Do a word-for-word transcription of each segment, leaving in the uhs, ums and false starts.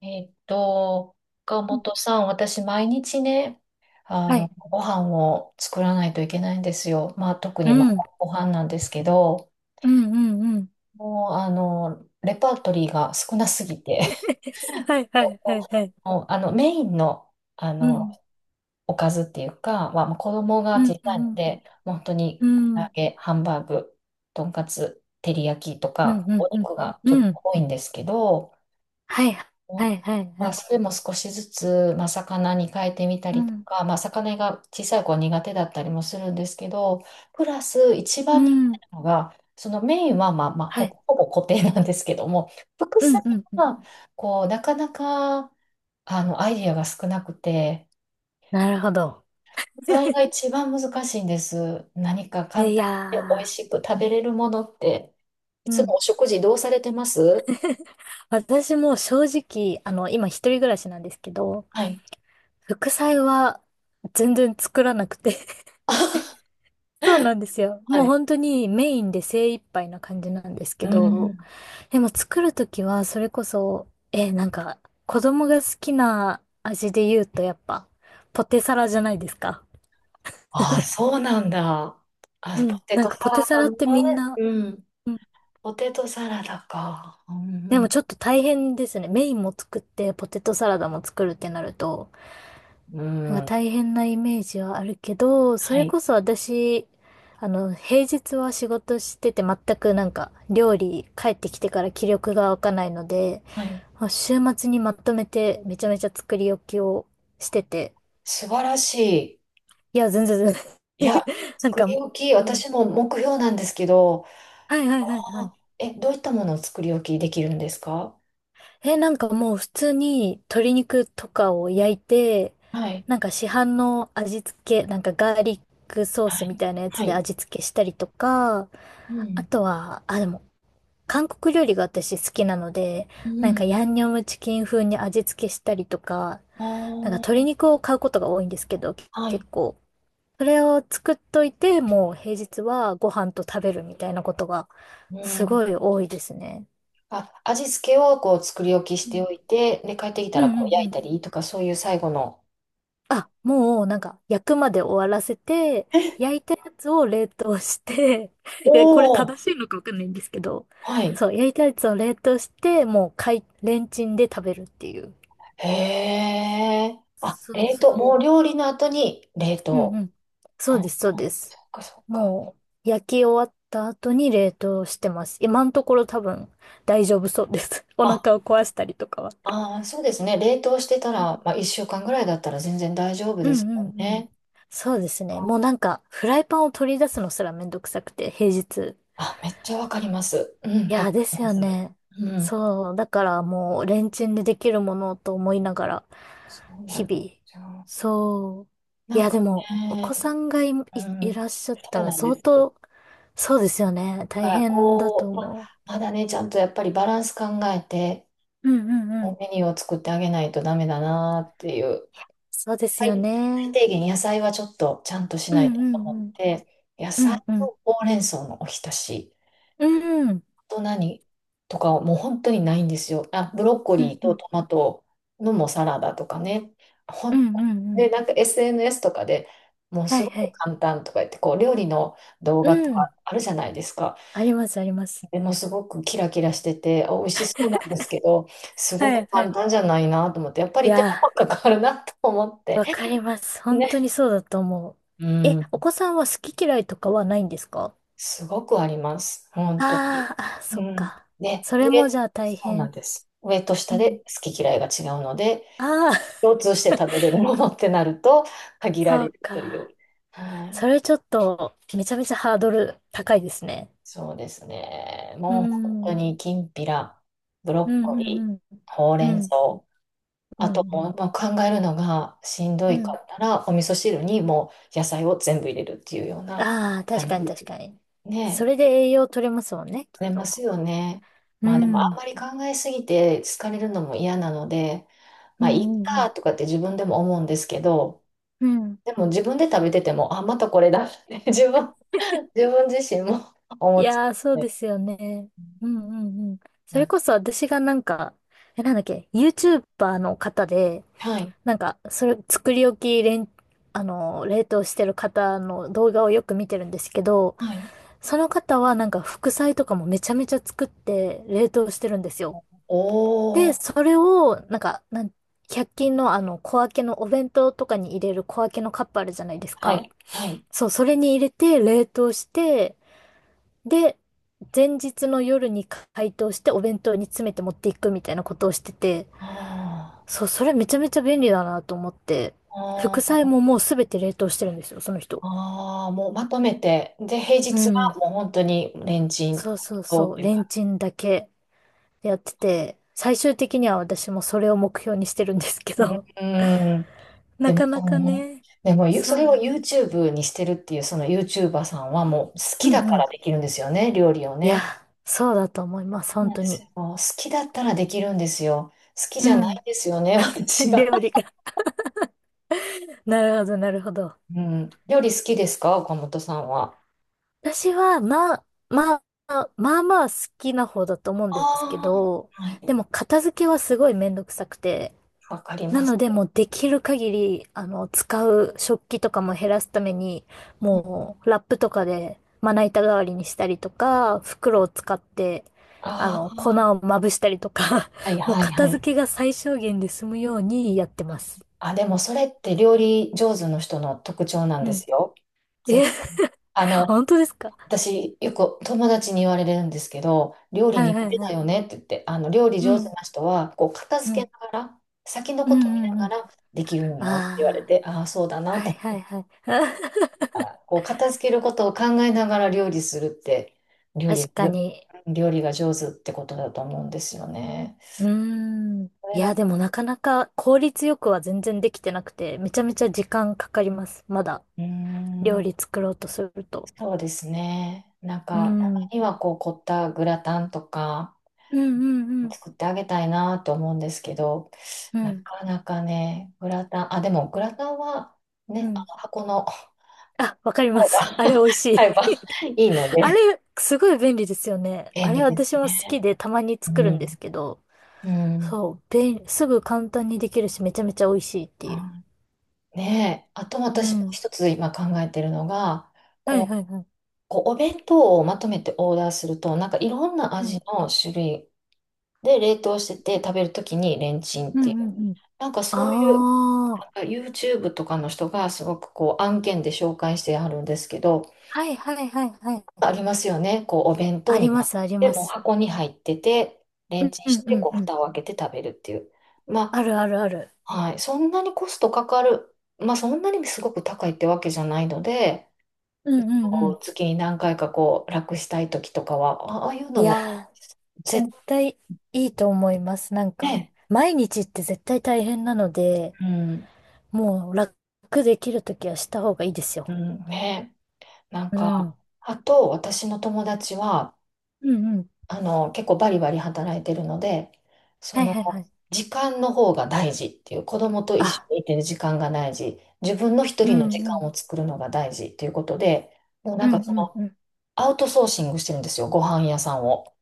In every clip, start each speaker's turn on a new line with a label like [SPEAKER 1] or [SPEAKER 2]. [SPEAKER 1] えっと、岡本さん、私、毎日ね、あ
[SPEAKER 2] は
[SPEAKER 1] の、
[SPEAKER 2] い。
[SPEAKER 1] ご飯を作らないといけないんですよ。まあ、特
[SPEAKER 2] う
[SPEAKER 1] に、まあ、
[SPEAKER 2] ん。うん、
[SPEAKER 1] ご飯なんですけど、
[SPEAKER 2] うん、うん。
[SPEAKER 1] もう、あの、レパートリーが少なすぎて、
[SPEAKER 2] はい、はい、はい、はい。
[SPEAKER 1] もう、あの、メインの、あ
[SPEAKER 2] う
[SPEAKER 1] の、
[SPEAKER 2] ん。
[SPEAKER 1] おかずっていうか、まあ、もう子供が
[SPEAKER 2] う
[SPEAKER 1] 小
[SPEAKER 2] ん、う
[SPEAKER 1] さいの
[SPEAKER 2] ん、
[SPEAKER 1] で、もう本当
[SPEAKER 2] う
[SPEAKER 1] に、
[SPEAKER 2] ん。
[SPEAKER 1] 唐
[SPEAKER 2] う
[SPEAKER 1] 揚
[SPEAKER 2] ん、
[SPEAKER 1] げ、ハンバーグ、とんかつ、照り焼きと
[SPEAKER 2] うん、
[SPEAKER 1] か、
[SPEAKER 2] う
[SPEAKER 1] お
[SPEAKER 2] ん。うん
[SPEAKER 1] 肉がちょっと
[SPEAKER 2] うん
[SPEAKER 1] 多いんですけど、
[SPEAKER 2] はい、はい、はい、
[SPEAKER 1] ま
[SPEAKER 2] は
[SPEAKER 1] あ、
[SPEAKER 2] い。
[SPEAKER 1] それも少しずつ、まあ、魚に変えてみた
[SPEAKER 2] う
[SPEAKER 1] りと
[SPEAKER 2] ん。
[SPEAKER 1] か、まあ、魚が小さい子は苦手だったりもするんですけど、プラス一
[SPEAKER 2] う
[SPEAKER 1] 番苦手
[SPEAKER 2] ん。
[SPEAKER 1] なのが、そのメインは、まあまあ、
[SPEAKER 2] は
[SPEAKER 1] ほ、
[SPEAKER 2] い。
[SPEAKER 1] ほぼ固定なんですけども、副
[SPEAKER 2] うん、
[SPEAKER 1] 菜
[SPEAKER 2] うん、うんうんうんうんはいはいはいはいうんうんはいうんうんうん
[SPEAKER 1] は、こう、なかなか、あの、アイディアが少なくて、
[SPEAKER 2] なるほど。
[SPEAKER 1] 副菜が 一番難しいんです。何か簡
[SPEAKER 2] い
[SPEAKER 1] 単で美味
[SPEAKER 2] や
[SPEAKER 1] しく食べれるものって、い
[SPEAKER 2] ー。う
[SPEAKER 1] つ
[SPEAKER 2] ん。
[SPEAKER 1] もお食事どうされてます？
[SPEAKER 2] 私も正直、あの、今一人暮らしなんですけど、
[SPEAKER 1] はい。
[SPEAKER 2] 副菜は全然作らなくて。
[SPEAKER 1] は
[SPEAKER 2] そうなんですよ。もう本
[SPEAKER 1] い。
[SPEAKER 2] 当にメインで精一杯な感じなんです け
[SPEAKER 1] う
[SPEAKER 2] ど、
[SPEAKER 1] ん。
[SPEAKER 2] でも作るときは、それこそ、え、なんか、子供が好きな味で言うと、やっぱ、ポテサラじゃないですか。
[SPEAKER 1] ああ、そうなんだ。あ、
[SPEAKER 2] う
[SPEAKER 1] ポ
[SPEAKER 2] ん。
[SPEAKER 1] テ
[SPEAKER 2] なん
[SPEAKER 1] トサ
[SPEAKER 2] か、ポテ
[SPEAKER 1] ラ
[SPEAKER 2] サ
[SPEAKER 1] ダ
[SPEAKER 2] ラっ
[SPEAKER 1] ね。
[SPEAKER 2] てみんな、
[SPEAKER 1] うん。
[SPEAKER 2] うん。
[SPEAKER 1] ポテトサラダか。う
[SPEAKER 2] でも
[SPEAKER 1] ん
[SPEAKER 2] ちょっと大変ですね。メインも作って、ポテトサラダも作るってなると、
[SPEAKER 1] う
[SPEAKER 2] なん
[SPEAKER 1] ん。
[SPEAKER 2] か
[SPEAKER 1] うん。
[SPEAKER 2] 大変なイメージはあるけど、そ
[SPEAKER 1] は
[SPEAKER 2] れ
[SPEAKER 1] い。
[SPEAKER 2] こそ私、あの、平日は仕事してて、全くなんか、料理帰ってきてから気力が湧かないので、
[SPEAKER 1] はい。
[SPEAKER 2] まあ週末にまとめて、めちゃめちゃ作り置きをしてて、
[SPEAKER 1] 素晴らしい。
[SPEAKER 2] いや、全然全然。
[SPEAKER 1] いや、
[SPEAKER 2] なん
[SPEAKER 1] 作
[SPEAKER 2] か、
[SPEAKER 1] り置き、
[SPEAKER 2] うん。
[SPEAKER 1] 私も目標なんですけど、
[SPEAKER 2] はいはいはいは
[SPEAKER 1] あ、
[SPEAKER 2] い。
[SPEAKER 1] え、どういったものを作り置きできるんですか？
[SPEAKER 2] え、なんかもう普通に鶏肉とかを焼いて、
[SPEAKER 1] はい。
[SPEAKER 2] なんか市販の味付け、なんかガーリックソー
[SPEAKER 1] は
[SPEAKER 2] スみ
[SPEAKER 1] い。
[SPEAKER 2] たいなや
[SPEAKER 1] は
[SPEAKER 2] つで
[SPEAKER 1] い。
[SPEAKER 2] 味付けしたりとか、
[SPEAKER 1] う
[SPEAKER 2] あ
[SPEAKER 1] ん。
[SPEAKER 2] とは、あ、でも、韓国料理が私好きなので、
[SPEAKER 1] う
[SPEAKER 2] なんか
[SPEAKER 1] ん。
[SPEAKER 2] ヤンニョムチキン風に味付けしたりとか、なんか
[SPEAKER 1] あ
[SPEAKER 2] 鶏肉を買うことが多いんですけど、
[SPEAKER 1] あ、は
[SPEAKER 2] 結
[SPEAKER 1] い。
[SPEAKER 2] 構。それを作っといて、もう平日はご飯と食べるみたいなことが
[SPEAKER 1] う
[SPEAKER 2] す
[SPEAKER 1] ん。
[SPEAKER 2] ごい多いですね。
[SPEAKER 1] あ、味付けをこう作り置きし
[SPEAKER 2] う
[SPEAKER 1] て
[SPEAKER 2] ん
[SPEAKER 1] おいて、で、帰ってきた
[SPEAKER 2] う
[SPEAKER 1] らこ
[SPEAKER 2] ん
[SPEAKER 1] う
[SPEAKER 2] う
[SPEAKER 1] 焼
[SPEAKER 2] んう
[SPEAKER 1] い
[SPEAKER 2] ん。
[SPEAKER 1] たりとか、そういう最後の。
[SPEAKER 2] あ、もうなんか焼くまで終わらせて、焼いたやつを冷凍して、
[SPEAKER 1] お
[SPEAKER 2] え、これ
[SPEAKER 1] お、
[SPEAKER 2] 正しいのかわかんないんですけど、
[SPEAKER 1] はい。
[SPEAKER 2] そう、焼いたやつを冷凍して、もうかい、レンチンで食べるっていう。
[SPEAKER 1] へえ。あ、
[SPEAKER 2] そう
[SPEAKER 1] 冷
[SPEAKER 2] そ
[SPEAKER 1] 凍。
[SPEAKER 2] う。
[SPEAKER 1] もう料理の後に冷
[SPEAKER 2] うんう
[SPEAKER 1] 凍。
[SPEAKER 2] ん。そう
[SPEAKER 1] あ、
[SPEAKER 2] です、そうです。
[SPEAKER 1] そっかそっか。
[SPEAKER 2] もう、焼き終わった後に冷凍してます。今のところ多分大丈夫そうです。お
[SPEAKER 1] あ、
[SPEAKER 2] 腹を壊したりとかは。
[SPEAKER 1] あー、そうですね。冷凍してた
[SPEAKER 2] うん
[SPEAKER 1] ら、まあ、いっしゅうかんぐらいだったら全然大丈夫
[SPEAKER 2] う
[SPEAKER 1] で
[SPEAKER 2] ん
[SPEAKER 1] す
[SPEAKER 2] う
[SPEAKER 1] よ
[SPEAKER 2] んうん。
[SPEAKER 1] ね。
[SPEAKER 2] そうですね。もうなんか、フライパンを取り出すのすらめんどくさくて、平日。
[SPEAKER 1] あ、めっちゃわかります。うん、
[SPEAKER 2] い
[SPEAKER 1] わ
[SPEAKER 2] や、
[SPEAKER 1] か
[SPEAKER 2] で
[SPEAKER 1] り
[SPEAKER 2] す
[SPEAKER 1] ま
[SPEAKER 2] よ
[SPEAKER 1] す。
[SPEAKER 2] ね。
[SPEAKER 1] うん。
[SPEAKER 2] そう、だからもう、レンチンでできるものと思いながら、
[SPEAKER 1] そうな
[SPEAKER 2] 日
[SPEAKER 1] んで
[SPEAKER 2] 々。
[SPEAKER 1] すよ。
[SPEAKER 2] そう。い
[SPEAKER 1] なん
[SPEAKER 2] や、
[SPEAKER 1] か
[SPEAKER 2] でも、お
[SPEAKER 1] ね、
[SPEAKER 2] 子さんがい、い、
[SPEAKER 1] う
[SPEAKER 2] い
[SPEAKER 1] ん、
[SPEAKER 2] らっしゃった
[SPEAKER 1] そう
[SPEAKER 2] ら
[SPEAKER 1] なんで
[SPEAKER 2] 相
[SPEAKER 1] す。だ
[SPEAKER 2] 当、そうですよね。
[SPEAKER 1] か
[SPEAKER 2] 大
[SPEAKER 1] ら、
[SPEAKER 2] 変だと
[SPEAKER 1] こう、ま、
[SPEAKER 2] 思
[SPEAKER 1] まだね、ちゃんとやっぱりバランス考えて、
[SPEAKER 2] う。うんうんうん。
[SPEAKER 1] メニューを作ってあげないとダメだなっていう。
[SPEAKER 2] そうですよ
[SPEAKER 1] 最最
[SPEAKER 2] ね。
[SPEAKER 1] 低限野菜はちょっとちゃんとし
[SPEAKER 2] う
[SPEAKER 1] ないと
[SPEAKER 2] んう
[SPEAKER 1] 思
[SPEAKER 2] ん
[SPEAKER 1] っ
[SPEAKER 2] うん。
[SPEAKER 1] て、野
[SPEAKER 2] う
[SPEAKER 1] 菜
[SPEAKER 2] んうん。
[SPEAKER 1] とほうれん草のおひたし、
[SPEAKER 2] うんうん。
[SPEAKER 1] あと何とかもう本当にないんですよ。あ、ブロッコ
[SPEAKER 2] う
[SPEAKER 1] リ
[SPEAKER 2] ん
[SPEAKER 1] ー
[SPEAKER 2] う
[SPEAKER 1] と
[SPEAKER 2] ん。
[SPEAKER 1] トマトのもサラダとかね。ほ
[SPEAKER 2] うん
[SPEAKER 1] ん
[SPEAKER 2] うんう
[SPEAKER 1] で、
[SPEAKER 2] ん。
[SPEAKER 1] なんか エスエヌエス とかでもう
[SPEAKER 2] は
[SPEAKER 1] す
[SPEAKER 2] いは
[SPEAKER 1] ごく
[SPEAKER 2] い。
[SPEAKER 1] 簡単とか言って、こう料理の動
[SPEAKER 2] う
[SPEAKER 1] 画と
[SPEAKER 2] ん。
[SPEAKER 1] かあるじゃないですか。
[SPEAKER 2] ありますあります。
[SPEAKER 1] でもすごくキラキラしてて、あ美味しそうなんですけど、すご
[SPEAKER 2] はい
[SPEAKER 1] く
[SPEAKER 2] は
[SPEAKER 1] 簡
[SPEAKER 2] い。
[SPEAKER 1] 単じゃないなと思って、やっぱ
[SPEAKER 2] い
[SPEAKER 1] り手
[SPEAKER 2] や
[SPEAKER 1] 間が
[SPEAKER 2] ー。
[SPEAKER 1] かかるなと思って。
[SPEAKER 2] わかります。本
[SPEAKER 1] ね。
[SPEAKER 2] 当にそうだと思う。
[SPEAKER 1] う
[SPEAKER 2] え、
[SPEAKER 1] ん、
[SPEAKER 2] お子さんは好き嫌いとかはないんですか？
[SPEAKER 1] すごくあります。本当に。
[SPEAKER 2] あーあ、そ
[SPEAKER 1] う
[SPEAKER 2] っ
[SPEAKER 1] ん。
[SPEAKER 2] か。
[SPEAKER 1] ね、
[SPEAKER 2] そ
[SPEAKER 1] 上、
[SPEAKER 2] れもじゃあ大
[SPEAKER 1] そうなん
[SPEAKER 2] 変。
[SPEAKER 1] です。上と
[SPEAKER 2] う
[SPEAKER 1] 下
[SPEAKER 2] ん。
[SPEAKER 1] で好き嫌いが違うので、
[SPEAKER 2] ああ、
[SPEAKER 1] 共通して食べれるものってなると 限ら
[SPEAKER 2] そ
[SPEAKER 1] れ
[SPEAKER 2] う
[SPEAKER 1] るとい
[SPEAKER 2] か。
[SPEAKER 1] う。はい。
[SPEAKER 2] それちょっと、めちゃめちゃハードル高いですね。
[SPEAKER 1] そうですね。
[SPEAKER 2] う
[SPEAKER 1] もう本
[SPEAKER 2] ん。う
[SPEAKER 1] 当
[SPEAKER 2] ん
[SPEAKER 1] にきんぴら、ブロ
[SPEAKER 2] う
[SPEAKER 1] ッコリ
[SPEAKER 2] んうん。
[SPEAKER 1] ー、ほう
[SPEAKER 2] う
[SPEAKER 1] れん
[SPEAKER 2] ん。
[SPEAKER 1] 草。
[SPEAKER 2] う
[SPEAKER 1] あとも
[SPEAKER 2] ん
[SPEAKER 1] う、まあ、考えるのがしんど
[SPEAKER 2] う
[SPEAKER 1] い
[SPEAKER 2] ん。う
[SPEAKER 1] か
[SPEAKER 2] ん。
[SPEAKER 1] ったら、お味噌汁にもう野菜を全部入れるっていうような
[SPEAKER 2] ああ、確
[SPEAKER 1] 感
[SPEAKER 2] かに
[SPEAKER 1] じ。
[SPEAKER 2] 確かに。そ
[SPEAKER 1] ね、
[SPEAKER 2] れで栄養取れますもんね、きっ
[SPEAKER 1] 疲れます
[SPEAKER 2] と。
[SPEAKER 1] よね。
[SPEAKER 2] う
[SPEAKER 1] まあでもあん
[SPEAKER 2] ん。
[SPEAKER 1] まり考えすぎて疲れるのも嫌なので、
[SPEAKER 2] う
[SPEAKER 1] まあいっ
[SPEAKER 2] んうんうん。
[SPEAKER 1] かとかって自分でも思うんですけど、
[SPEAKER 2] うん
[SPEAKER 1] でも自分で食べてても、あ、またこれだって 自分、自分自身も 思
[SPEAKER 2] い
[SPEAKER 1] っち
[SPEAKER 2] やー、そう
[SPEAKER 1] ゃって。
[SPEAKER 2] ですよね。うんうんうん。そ
[SPEAKER 1] な
[SPEAKER 2] れ
[SPEAKER 1] んか、
[SPEAKER 2] こそ私がなんか、え、なんだっけ、YouTuber の方で、
[SPEAKER 1] はい、
[SPEAKER 2] なんか、それ、作り置きれん、あの、冷凍してる方の動画をよく見てるんですけど、
[SPEAKER 1] はい。
[SPEAKER 2] その方はなんか副菜とかもめちゃめちゃ作って冷凍してるんですよ。
[SPEAKER 1] お
[SPEAKER 2] で、
[SPEAKER 1] ー、
[SPEAKER 2] それを、なんか、なん、ひゃっ均のあの、小分けのお弁当とかに入れる小分けのカップあるじゃないです
[SPEAKER 1] は
[SPEAKER 2] か。
[SPEAKER 1] い、はい。
[SPEAKER 2] そう、それに入れて冷凍して、で、前日の夜に解凍してお弁当に詰めて持っていくみたいなことをしてて、
[SPEAKER 1] あー
[SPEAKER 2] そう、それめちゃめちゃ便利だなと思って、副
[SPEAKER 1] あ
[SPEAKER 2] 菜
[SPEAKER 1] ー、
[SPEAKER 2] ももうすべて冷凍してるんですよ、その人。
[SPEAKER 1] あーもうまとめて、で、平
[SPEAKER 2] う
[SPEAKER 1] 日
[SPEAKER 2] ん。
[SPEAKER 1] はもう本当にレンチン
[SPEAKER 2] そうそう
[SPEAKER 1] とっ
[SPEAKER 2] そう、
[SPEAKER 1] ていう
[SPEAKER 2] レ
[SPEAKER 1] 感
[SPEAKER 2] ン
[SPEAKER 1] じ。
[SPEAKER 2] チンだけやってて、最終的には私もそれを目標にしてるんですけど、
[SPEAKER 1] うん、うん、 で
[SPEAKER 2] な
[SPEAKER 1] も、
[SPEAKER 2] か
[SPEAKER 1] そ
[SPEAKER 2] なか
[SPEAKER 1] の
[SPEAKER 2] ね、
[SPEAKER 1] でも、ゆ
[SPEAKER 2] そ
[SPEAKER 1] そ
[SPEAKER 2] う
[SPEAKER 1] れを
[SPEAKER 2] なんです、
[SPEAKER 1] YouTube にしてるっていう、その YouTuber さんはもう好
[SPEAKER 2] う
[SPEAKER 1] き
[SPEAKER 2] ん
[SPEAKER 1] だ
[SPEAKER 2] う
[SPEAKER 1] か
[SPEAKER 2] ん。
[SPEAKER 1] らできるんですよね、料理を
[SPEAKER 2] いや、
[SPEAKER 1] ね。
[SPEAKER 2] そうだと思います、
[SPEAKER 1] そう
[SPEAKER 2] 本
[SPEAKER 1] なん
[SPEAKER 2] 当
[SPEAKER 1] です
[SPEAKER 2] に。
[SPEAKER 1] よ。好きだったらできるんですよ。好き
[SPEAKER 2] う
[SPEAKER 1] じゃない
[SPEAKER 2] ん。
[SPEAKER 1] んですよね、私 が。
[SPEAKER 2] 料理が。なるほど、なるほど。
[SPEAKER 1] うん。料理好きですか、岡本さんは？
[SPEAKER 2] 私は、まあ、まあ、まあまあ好きな方だと思うんですけ
[SPEAKER 1] あ
[SPEAKER 2] ど、
[SPEAKER 1] あ、は
[SPEAKER 2] で
[SPEAKER 1] い。
[SPEAKER 2] も片付けはすごいめんどくさくて、
[SPEAKER 1] わかり
[SPEAKER 2] な
[SPEAKER 1] ま
[SPEAKER 2] の
[SPEAKER 1] す。
[SPEAKER 2] でもうできる限り、あの、使う食器とかも減らすために、もうラップとかでまな板代わりにしたりとか、袋を使って、あ
[SPEAKER 1] あ
[SPEAKER 2] の、粉
[SPEAKER 1] あ
[SPEAKER 2] をまぶしたりとか、
[SPEAKER 1] ー、はい
[SPEAKER 2] もう
[SPEAKER 1] はいは
[SPEAKER 2] 片
[SPEAKER 1] い。
[SPEAKER 2] 付けが最小限で済むようにやってます。
[SPEAKER 1] あ、でもそれって料理上手の人の特徴なん
[SPEAKER 2] う
[SPEAKER 1] で
[SPEAKER 2] ん。
[SPEAKER 1] すよ。
[SPEAKER 2] え、
[SPEAKER 1] ぜ、あ の、
[SPEAKER 2] 本当ですか？
[SPEAKER 1] 私、よく友達に言われるんですけど、料理
[SPEAKER 2] はいは
[SPEAKER 1] 苦
[SPEAKER 2] い
[SPEAKER 1] 手
[SPEAKER 2] は
[SPEAKER 1] だ
[SPEAKER 2] い。
[SPEAKER 1] よねって言って、あの料理
[SPEAKER 2] う
[SPEAKER 1] 上手
[SPEAKER 2] ん、
[SPEAKER 1] な人は、こう片
[SPEAKER 2] う
[SPEAKER 1] 付
[SPEAKER 2] ん、
[SPEAKER 1] けながら、先の
[SPEAKER 2] う
[SPEAKER 1] ことを見
[SPEAKER 2] ん、う
[SPEAKER 1] な
[SPEAKER 2] ん、う
[SPEAKER 1] が
[SPEAKER 2] ん。
[SPEAKER 1] らできるんやろって言われ
[SPEAKER 2] ああ。
[SPEAKER 1] て、ああ、そうだな
[SPEAKER 2] は
[SPEAKER 1] と
[SPEAKER 2] い
[SPEAKER 1] 思
[SPEAKER 2] は
[SPEAKER 1] っ
[SPEAKER 2] いはい。
[SPEAKER 1] たら、こう片付けることを考えながら料理するって、料
[SPEAKER 2] 確
[SPEAKER 1] 理、
[SPEAKER 2] かに。
[SPEAKER 1] 料理が上手ってことだと思うんですよね。
[SPEAKER 2] うーん。
[SPEAKER 1] そ
[SPEAKER 2] い
[SPEAKER 1] れ
[SPEAKER 2] や、
[SPEAKER 1] が、
[SPEAKER 2] でもなかなか効率よくは全然できてなくて、めちゃめちゃ時間かかります。まだ
[SPEAKER 1] うー
[SPEAKER 2] 料
[SPEAKER 1] ん、
[SPEAKER 2] 理作ろうとすると。
[SPEAKER 1] そうですね。なん
[SPEAKER 2] うー
[SPEAKER 1] か、たま
[SPEAKER 2] ん。
[SPEAKER 1] にはこう凝ったグラタンとか、
[SPEAKER 2] うんうんうん。
[SPEAKER 1] 作ってあげたいなと思うんですけど、
[SPEAKER 2] う
[SPEAKER 1] な
[SPEAKER 2] ん。
[SPEAKER 1] かなかね、グラタン、あ、でもグラタンは
[SPEAKER 2] う
[SPEAKER 1] ね、あ
[SPEAKER 2] ん。
[SPEAKER 1] の箱の
[SPEAKER 2] あ、わかります。あれ 美味し
[SPEAKER 1] 買えば
[SPEAKER 2] い。
[SPEAKER 1] いいの
[SPEAKER 2] あ
[SPEAKER 1] で、
[SPEAKER 2] れ、すごい便利ですよね。
[SPEAKER 1] 便
[SPEAKER 2] あれ
[SPEAKER 1] 利です
[SPEAKER 2] 私も好き
[SPEAKER 1] ね。
[SPEAKER 2] でたまに
[SPEAKER 1] う
[SPEAKER 2] 作るんで
[SPEAKER 1] ん。
[SPEAKER 2] すけど、
[SPEAKER 1] うん。
[SPEAKER 2] そう、便、すぐ簡単にできるし、めちゃめちゃ美味しいっていう。
[SPEAKER 1] ねえ、あと
[SPEAKER 2] う
[SPEAKER 1] 私もう
[SPEAKER 2] ん。
[SPEAKER 1] 一つ今考えてるのが、
[SPEAKER 2] はい
[SPEAKER 1] こ
[SPEAKER 2] は
[SPEAKER 1] う、
[SPEAKER 2] いはい。
[SPEAKER 1] こうお弁当をまとめてオーダーすると、なんかいろんな
[SPEAKER 2] う
[SPEAKER 1] 味
[SPEAKER 2] ん。
[SPEAKER 1] の種類で冷凍してて食べるときにレンチンっ
[SPEAKER 2] うん
[SPEAKER 1] ていう、
[SPEAKER 2] うんうん。
[SPEAKER 1] なんかそういう、
[SPEAKER 2] あ
[SPEAKER 1] なんか
[SPEAKER 2] あ。
[SPEAKER 1] YouTube とかの人がすごくこう案件で紹介してあるんですけど、
[SPEAKER 2] はいはいはいはい。
[SPEAKER 1] ありますよね。こう、お弁当
[SPEAKER 2] あり
[SPEAKER 1] にな
[SPEAKER 2] ま
[SPEAKER 1] っ
[SPEAKER 2] すあり
[SPEAKER 1] て、
[SPEAKER 2] ま
[SPEAKER 1] もう
[SPEAKER 2] す。
[SPEAKER 1] 箱に入ってて、レ
[SPEAKER 2] う
[SPEAKER 1] ン
[SPEAKER 2] ん
[SPEAKER 1] チン
[SPEAKER 2] うん
[SPEAKER 1] し
[SPEAKER 2] う
[SPEAKER 1] て、
[SPEAKER 2] ん
[SPEAKER 1] こう、
[SPEAKER 2] うん。
[SPEAKER 1] 蓋を開けて食べるっていう。ま
[SPEAKER 2] あるあるある。
[SPEAKER 1] あ、はい。そんなにコストかかる。まあ、そんなにすごく高いってわけじゃないので、
[SPEAKER 2] うんうんう
[SPEAKER 1] こう
[SPEAKER 2] ん。
[SPEAKER 1] 月に何回かこう、楽したい時とかは、あああいう
[SPEAKER 2] い
[SPEAKER 1] のも、
[SPEAKER 2] やー、絶
[SPEAKER 1] 全
[SPEAKER 2] 対いいと思います。なんか、
[SPEAKER 1] ね、
[SPEAKER 2] 毎日って絶対大変なので、
[SPEAKER 1] うん、
[SPEAKER 2] もう楽できるときはした方がいいです
[SPEAKER 1] う
[SPEAKER 2] よ。
[SPEAKER 1] ん、ね。なん
[SPEAKER 2] う
[SPEAKER 1] か、
[SPEAKER 2] ん。
[SPEAKER 1] あと、私の友達は、
[SPEAKER 2] うんうん。
[SPEAKER 1] あの、結構バリバリ働いてるので、そ
[SPEAKER 2] はい
[SPEAKER 1] の、
[SPEAKER 2] はいはい。
[SPEAKER 1] 時間の方が大事っていう、子供と一緒
[SPEAKER 2] あ、
[SPEAKER 1] にいてる時間が大事、自分の一
[SPEAKER 2] う
[SPEAKER 1] 人の時
[SPEAKER 2] んう
[SPEAKER 1] 間
[SPEAKER 2] ん。
[SPEAKER 1] を作るのが大事っていうことで、もう
[SPEAKER 2] う
[SPEAKER 1] なんか
[SPEAKER 2] んう
[SPEAKER 1] そ
[SPEAKER 2] ん
[SPEAKER 1] の、
[SPEAKER 2] うん。
[SPEAKER 1] アウトソーシングしてるんですよ、ご飯屋さんを。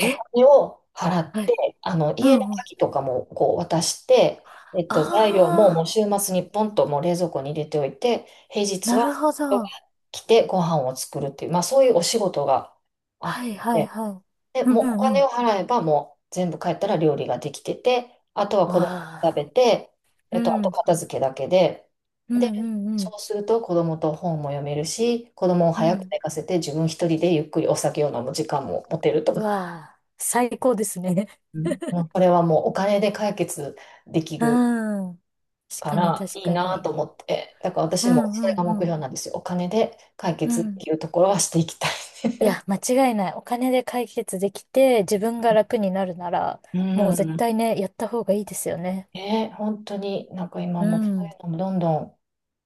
[SPEAKER 1] お金を払っ
[SPEAKER 2] は
[SPEAKER 1] て、
[SPEAKER 2] い。
[SPEAKER 1] あの、
[SPEAKER 2] う
[SPEAKER 1] 家の
[SPEAKER 2] んうん。
[SPEAKER 1] 鍵とかもこう渡して、えっと、材料ももう
[SPEAKER 2] あ
[SPEAKER 1] 週末にポンともう冷蔵庫に入れておいて、平
[SPEAKER 2] ー、
[SPEAKER 1] 日
[SPEAKER 2] な
[SPEAKER 1] は
[SPEAKER 2] るほど。
[SPEAKER 1] 来てご飯を作るっていう、まあそういうお仕事があ
[SPEAKER 2] は
[SPEAKER 1] っ
[SPEAKER 2] いはい
[SPEAKER 1] て、
[SPEAKER 2] は
[SPEAKER 1] で、
[SPEAKER 2] い。う
[SPEAKER 1] もうお
[SPEAKER 2] んう
[SPEAKER 1] 金を
[SPEAKER 2] ん。
[SPEAKER 1] 払えば、もう全部帰ったら料理ができてて、あとは子供
[SPEAKER 2] わ
[SPEAKER 1] が食
[SPEAKER 2] あ。
[SPEAKER 1] べて、えっと、
[SPEAKER 2] う
[SPEAKER 1] あと
[SPEAKER 2] ん。
[SPEAKER 1] 片付けだけで、
[SPEAKER 2] うん
[SPEAKER 1] で、
[SPEAKER 2] うんうん。
[SPEAKER 1] そうすると子供と本も読めるし、子供を
[SPEAKER 2] う
[SPEAKER 1] 早く
[SPEAKER 2] ん
[SPEAKER 1] 寝かせて自分一人でゆっくりお酒を飲む時間も持てると
[SPEAKER 2] う
[SPEAKER 1] か、
[SPEAKER 2] わあ、最高ですね。
[SPEAKER 1] うん。もうこれはもうお金で解決でき
[SPEAKER 2] う
[SPEAKER 1] る
[SPEAKER 2] ん。確
[SPEAKER 1] か
[SPEAKER 2] かに、
[SPEAKER 1] ら
[SPEAKER 2] 確
[SPEAKER 1] いい
[SPEAKER 2] か
[SPEAKER 1] な
[SPEAKER 2] に。
[SPEAKER 1] と思って、だから
[SPEAKER 2] う
[SPEAKER 1] 私も
[SPEAKER 2] んう
[SPEAKER 1] それが目
[SPEAKER 2] んうん。
[SPEAKER 1] 標なんですよ。お金で解
[SPEAKER 2] う
[SPEAKER 1] 決っ
[SPEAKER 2] ん。
[SPEAKER 1] ていうところはしていきた
[SPEAKER 2] い
[SPEAKER 1] い。
[SPEAKER 2] や、間違いない。お金で解決できて、自分が楽になるなら、
[SPEAKER 1] う
[SPEAKER 2] もう絶
[SPEAKER 1] ん。
[SPEAKER 2] 対ね、やった方がいいですよね。
[SPEAKER 1] ね、本当になんか今
[SPEAKER 2] う
[SPEAKER 1] もそう
[SPEAKER 2] ん。
[SPEAKER 1] いうのもどんどん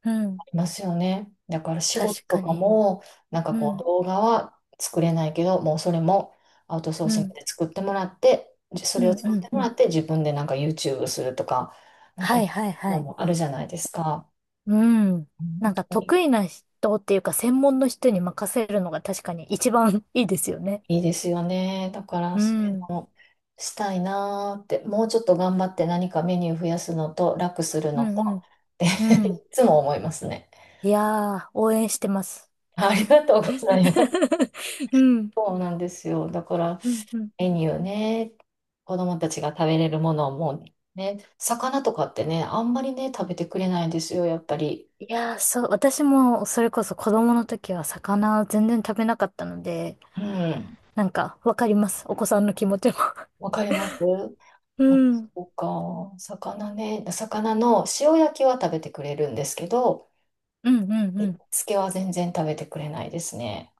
[SPEAKER 2] うん。
[SPEAKER 1] いますよね。だから仕事
[SPEAKER 2] 確
[SPEAKER 1] と
[SPEAKER 2] か
[SPEAKER 1] か
[SPEAKER 2] に。
[SPEAKER 1] も、なんか
[SPEAKER 2] う
[SPEAKER 1] こう
[SPEAKER 2] ん。
[SPEAKER 1] 動画は作れないけど、もうそれもアウトソー
[SPEAKER 2] う
[SPEAKER 1] シング
[SPEAKER 2] ん。
[SPEAKER 1] で作ってもらって、じそ
[SPEAKER 2] う
[SPEAKER 1] れを
[SPEAKER 2] んう
[SPEAKER 1] 作って
[SPEAKER 2] ん
[SPEAKER 1] も
[SPEAKER 2] う
[SPEAKER 1] ら
[SPEAKER 2] ん。
[SPEAKER 1] って自分でなんか YouTube するとか、なんか
[SPEAKER 2] は
[SPEAKER 1] そ
[SPEAKER 2] い
[SPEAKER 1] う
[SPEAKER 2] はい
[SPEAKER 1] いう
[SPEAKER 2] は
[SPEAKER 1] の
[SPEAKER 2] い。
[SPEAKER 1] もあるじゃないですか。
[SPEAKER 2] うん。な
[SPEAKER 1] 本
[SPEAKER 2] んか
[SPEAKER 1] 当に
[SPEAKER 2] 得意な人っていうか、専門の人に任せるのが確かに一番いいですよね。
[SPEAKER 1] いいですよね。だから
[SPEAKER 2] う
[SPEAKER 1] そういう
[SPEAKER 2] ん。
[SPEAKER 1] のをしたいなーって、もうちょっと頑張って何かメニュー増やすのと楽する
[SPEAKER 2] う
[SPEAKER 1] のと、
[SPEAKER 2] んうん。
[SPEAKER 1] って
[SPEAKER 2] う
[SPEAKER 1] い
[SPEAKER 2] ん。
[SPEAKER 1] つも思いますね。
[SPEAKER 2] いやー、応援してます。
[SPEAKER 1] ありがとうございます。
[SPEAKER 2] うん、
[SPEAKER 1] そうなんですよ。だから
[SPEAKER 2] うん、うん。
[SPEAKER 1] メニューね、子供たちが食べれるものをもうね、魚とかってね、あんまりね、食べてくれないんですよ、やっぱり。
[SPEAKER 2] いやー、そう、私もそれこそ子供の時は魚全然食べなかったので、
[SPEAKER 1] うん。
[SPEAKER 2] なんかわかります。お子さんの気持ちも。
[SPEAKER 1] わかります。
[SPEAKER 2] うん、
[SPEAKER 1] あ、
[SPEAKER 2] うん、
[SPEAKER 1] そうか。魚ね、魚の塩焼きは食べてくれるんですけど、
[SPEAKER 2] うん、う
[SPEAKER 1] 煮
[SPEAKER 2] ん。
[SPEAKER 1] 付けは全然食べてくれないですね。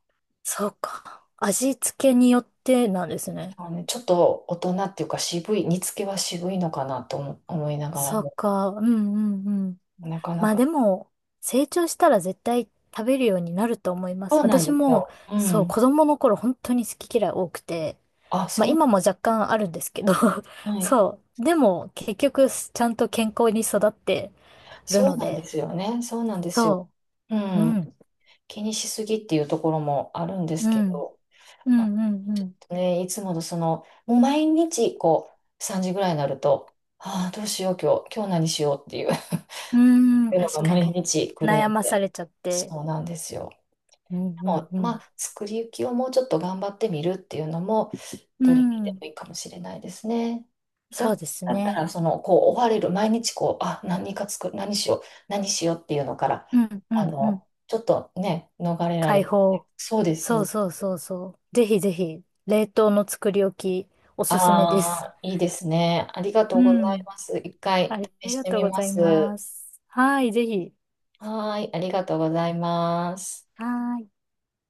[SPEAKER 2] そうか。味付けによってなんですね。
[SPEAKER 1] あのね、ちょっと大人っていうか渋い、煮付けは渋いのかなと思思いながら
[SPEAKER 2] そう
[SPEAKER 1] も、
[SPEAKER 2] か。うん、うん、うん。
[SPEAKER 1] なかな
[SPEAKER 2] まあ
[SPEAKER 1] か。
[SPEAKER 2] でも、成長したら絶対食べるようになると思います。
[SPEAKER 1] そうなん
[SPEAKER 2] 私
[SPEAKER 1] です
[SPEAKER 2] も、
[SPEAKER 1] よ。う
[SPEAKER 2] そう、
[SPEAKER 1] ん。
[SPEAKER 2] 子供の頃本当に好き嫌い多くて、
[SPEAKER 1] あ、
[SPEAKER 2] まあ
[SPEAKER 1] そう、
[SPEAKER 2] 今も若干あるんですけど、
[SPEAKER 1] は い。
[SPEAKER 2] そう。でも、結局、ちゃんと健康に育ってる
[SPEAKER 1] そう
[SPEAKER 2] の
[SPEAKER 1] なんで
[SPEAKER 2] で、
[SPEAKER 1] すよね。そうなんですよ。
[SPEAKER 2] そ
[SPEAKER 1] う
[SPEAKER 2] う。う
[SPEAKER 1] ん。
[SPEAKER 2] ん、
[SPEAKER 1] 気にしすぎっていうところもあるんで
[SPEAKER 2] う
[SPEAKER 1] すけ
[SPEAKER 2] ん、
[SPEAKER 1] ど、
[SPEAKER 2] う
[SPEAKER 1] まあ、
[SPEAKER 2] ん、うん、
[SPEAKER 1] ち
[SPEAKER 2] う
[SPEAKER 1] ょっ
[SPEAKER 2] ん。
[SPEAKER 1] とね、いつものその、もう毎日こう、さんじぐらいになると、ああ、どうしよう、今日、今日何しようっていう っ
[SPEAKER 2] うーん、
[SPEAKER 1] ていうのが
[SPEAKER 2] 確か
[SPEAKER 1] 毎
[SPEAKER 2] に。
[SPEAKER 1] 日来る
[SPEAKER 2] 悩
[SPEAKER 1] の
[SPEAKER 2] まさ
[SPEAKER 1] で、
[SPEAKER 2] れちゃって。
[SPEAKER 1] そうなんですよ。
[SPEAKER 2] うん、う
[SPEAKER 1] で
[SPEAKER 2] ん、
[SPEAKER 1] も、
[SPEAKER 2] う
[SPEAKER 1] ま
[SPEAKER 2] ん。
[SPEAKER 1] あ、作り置きをもうちょっと頑張ってみるっていうのも、
[SPEAKER 2] う
[SPEAKER 1] 取り入れて
[SPEAKER 2] ん、
[SPEAKER 1] もいいかもしれないですね。
[SPEAKER 2] そうです
[SPEAKER 1] だった
[SPEAKER 2] ね。
[SPEAKER 1] ら、その、こう、追われる、毎日こう、あ、何か作る、何しよう、何しようっていうのから、
[SPEAKER 2] うん、う
[SPEAKER 1] あ
[SPEAKER 2] ん、うん。
[SPEAKER 1] の、ちょっとね、逃れられ
[SPEAKER 2] 解
[SPEAKER 1] る。
[SPEAKER 2] 放。
[SPEAKER 1] そうです。
[SPEAKER 2] そうそうそうそう。ぜひぜひ、冷凍の作り置き、お
[SPEAKER 1] あ
[SPEAKER 2] すすめです。
[SPEAKER 1] あ、いいですね。ありがと
[SPEAKER 2] う
[SPEAKER 1] うござい
[SPEAKER 2] ん。
[SPEAKER 1] ます。一回
[SPEAKER 2] あ
[SPEAKER 1] 試
[SPEAKER 2] り
[SPEAKER 1] し
[SPEAKER 2] が
[SPEAKER 1] て
[SPEAKER 2] とう
[SPEAKER 1] み
[SPEAKER 2] ご
[SPEAKER 1] ま
[SPEAKER 2] ざいま
[SPEAKER 1] す。
[SPEAKER 2] す。はい、ぜひ。
[SPEAKER 1] はーい、ありがとうございます。
[SPEAKER 2] はーい。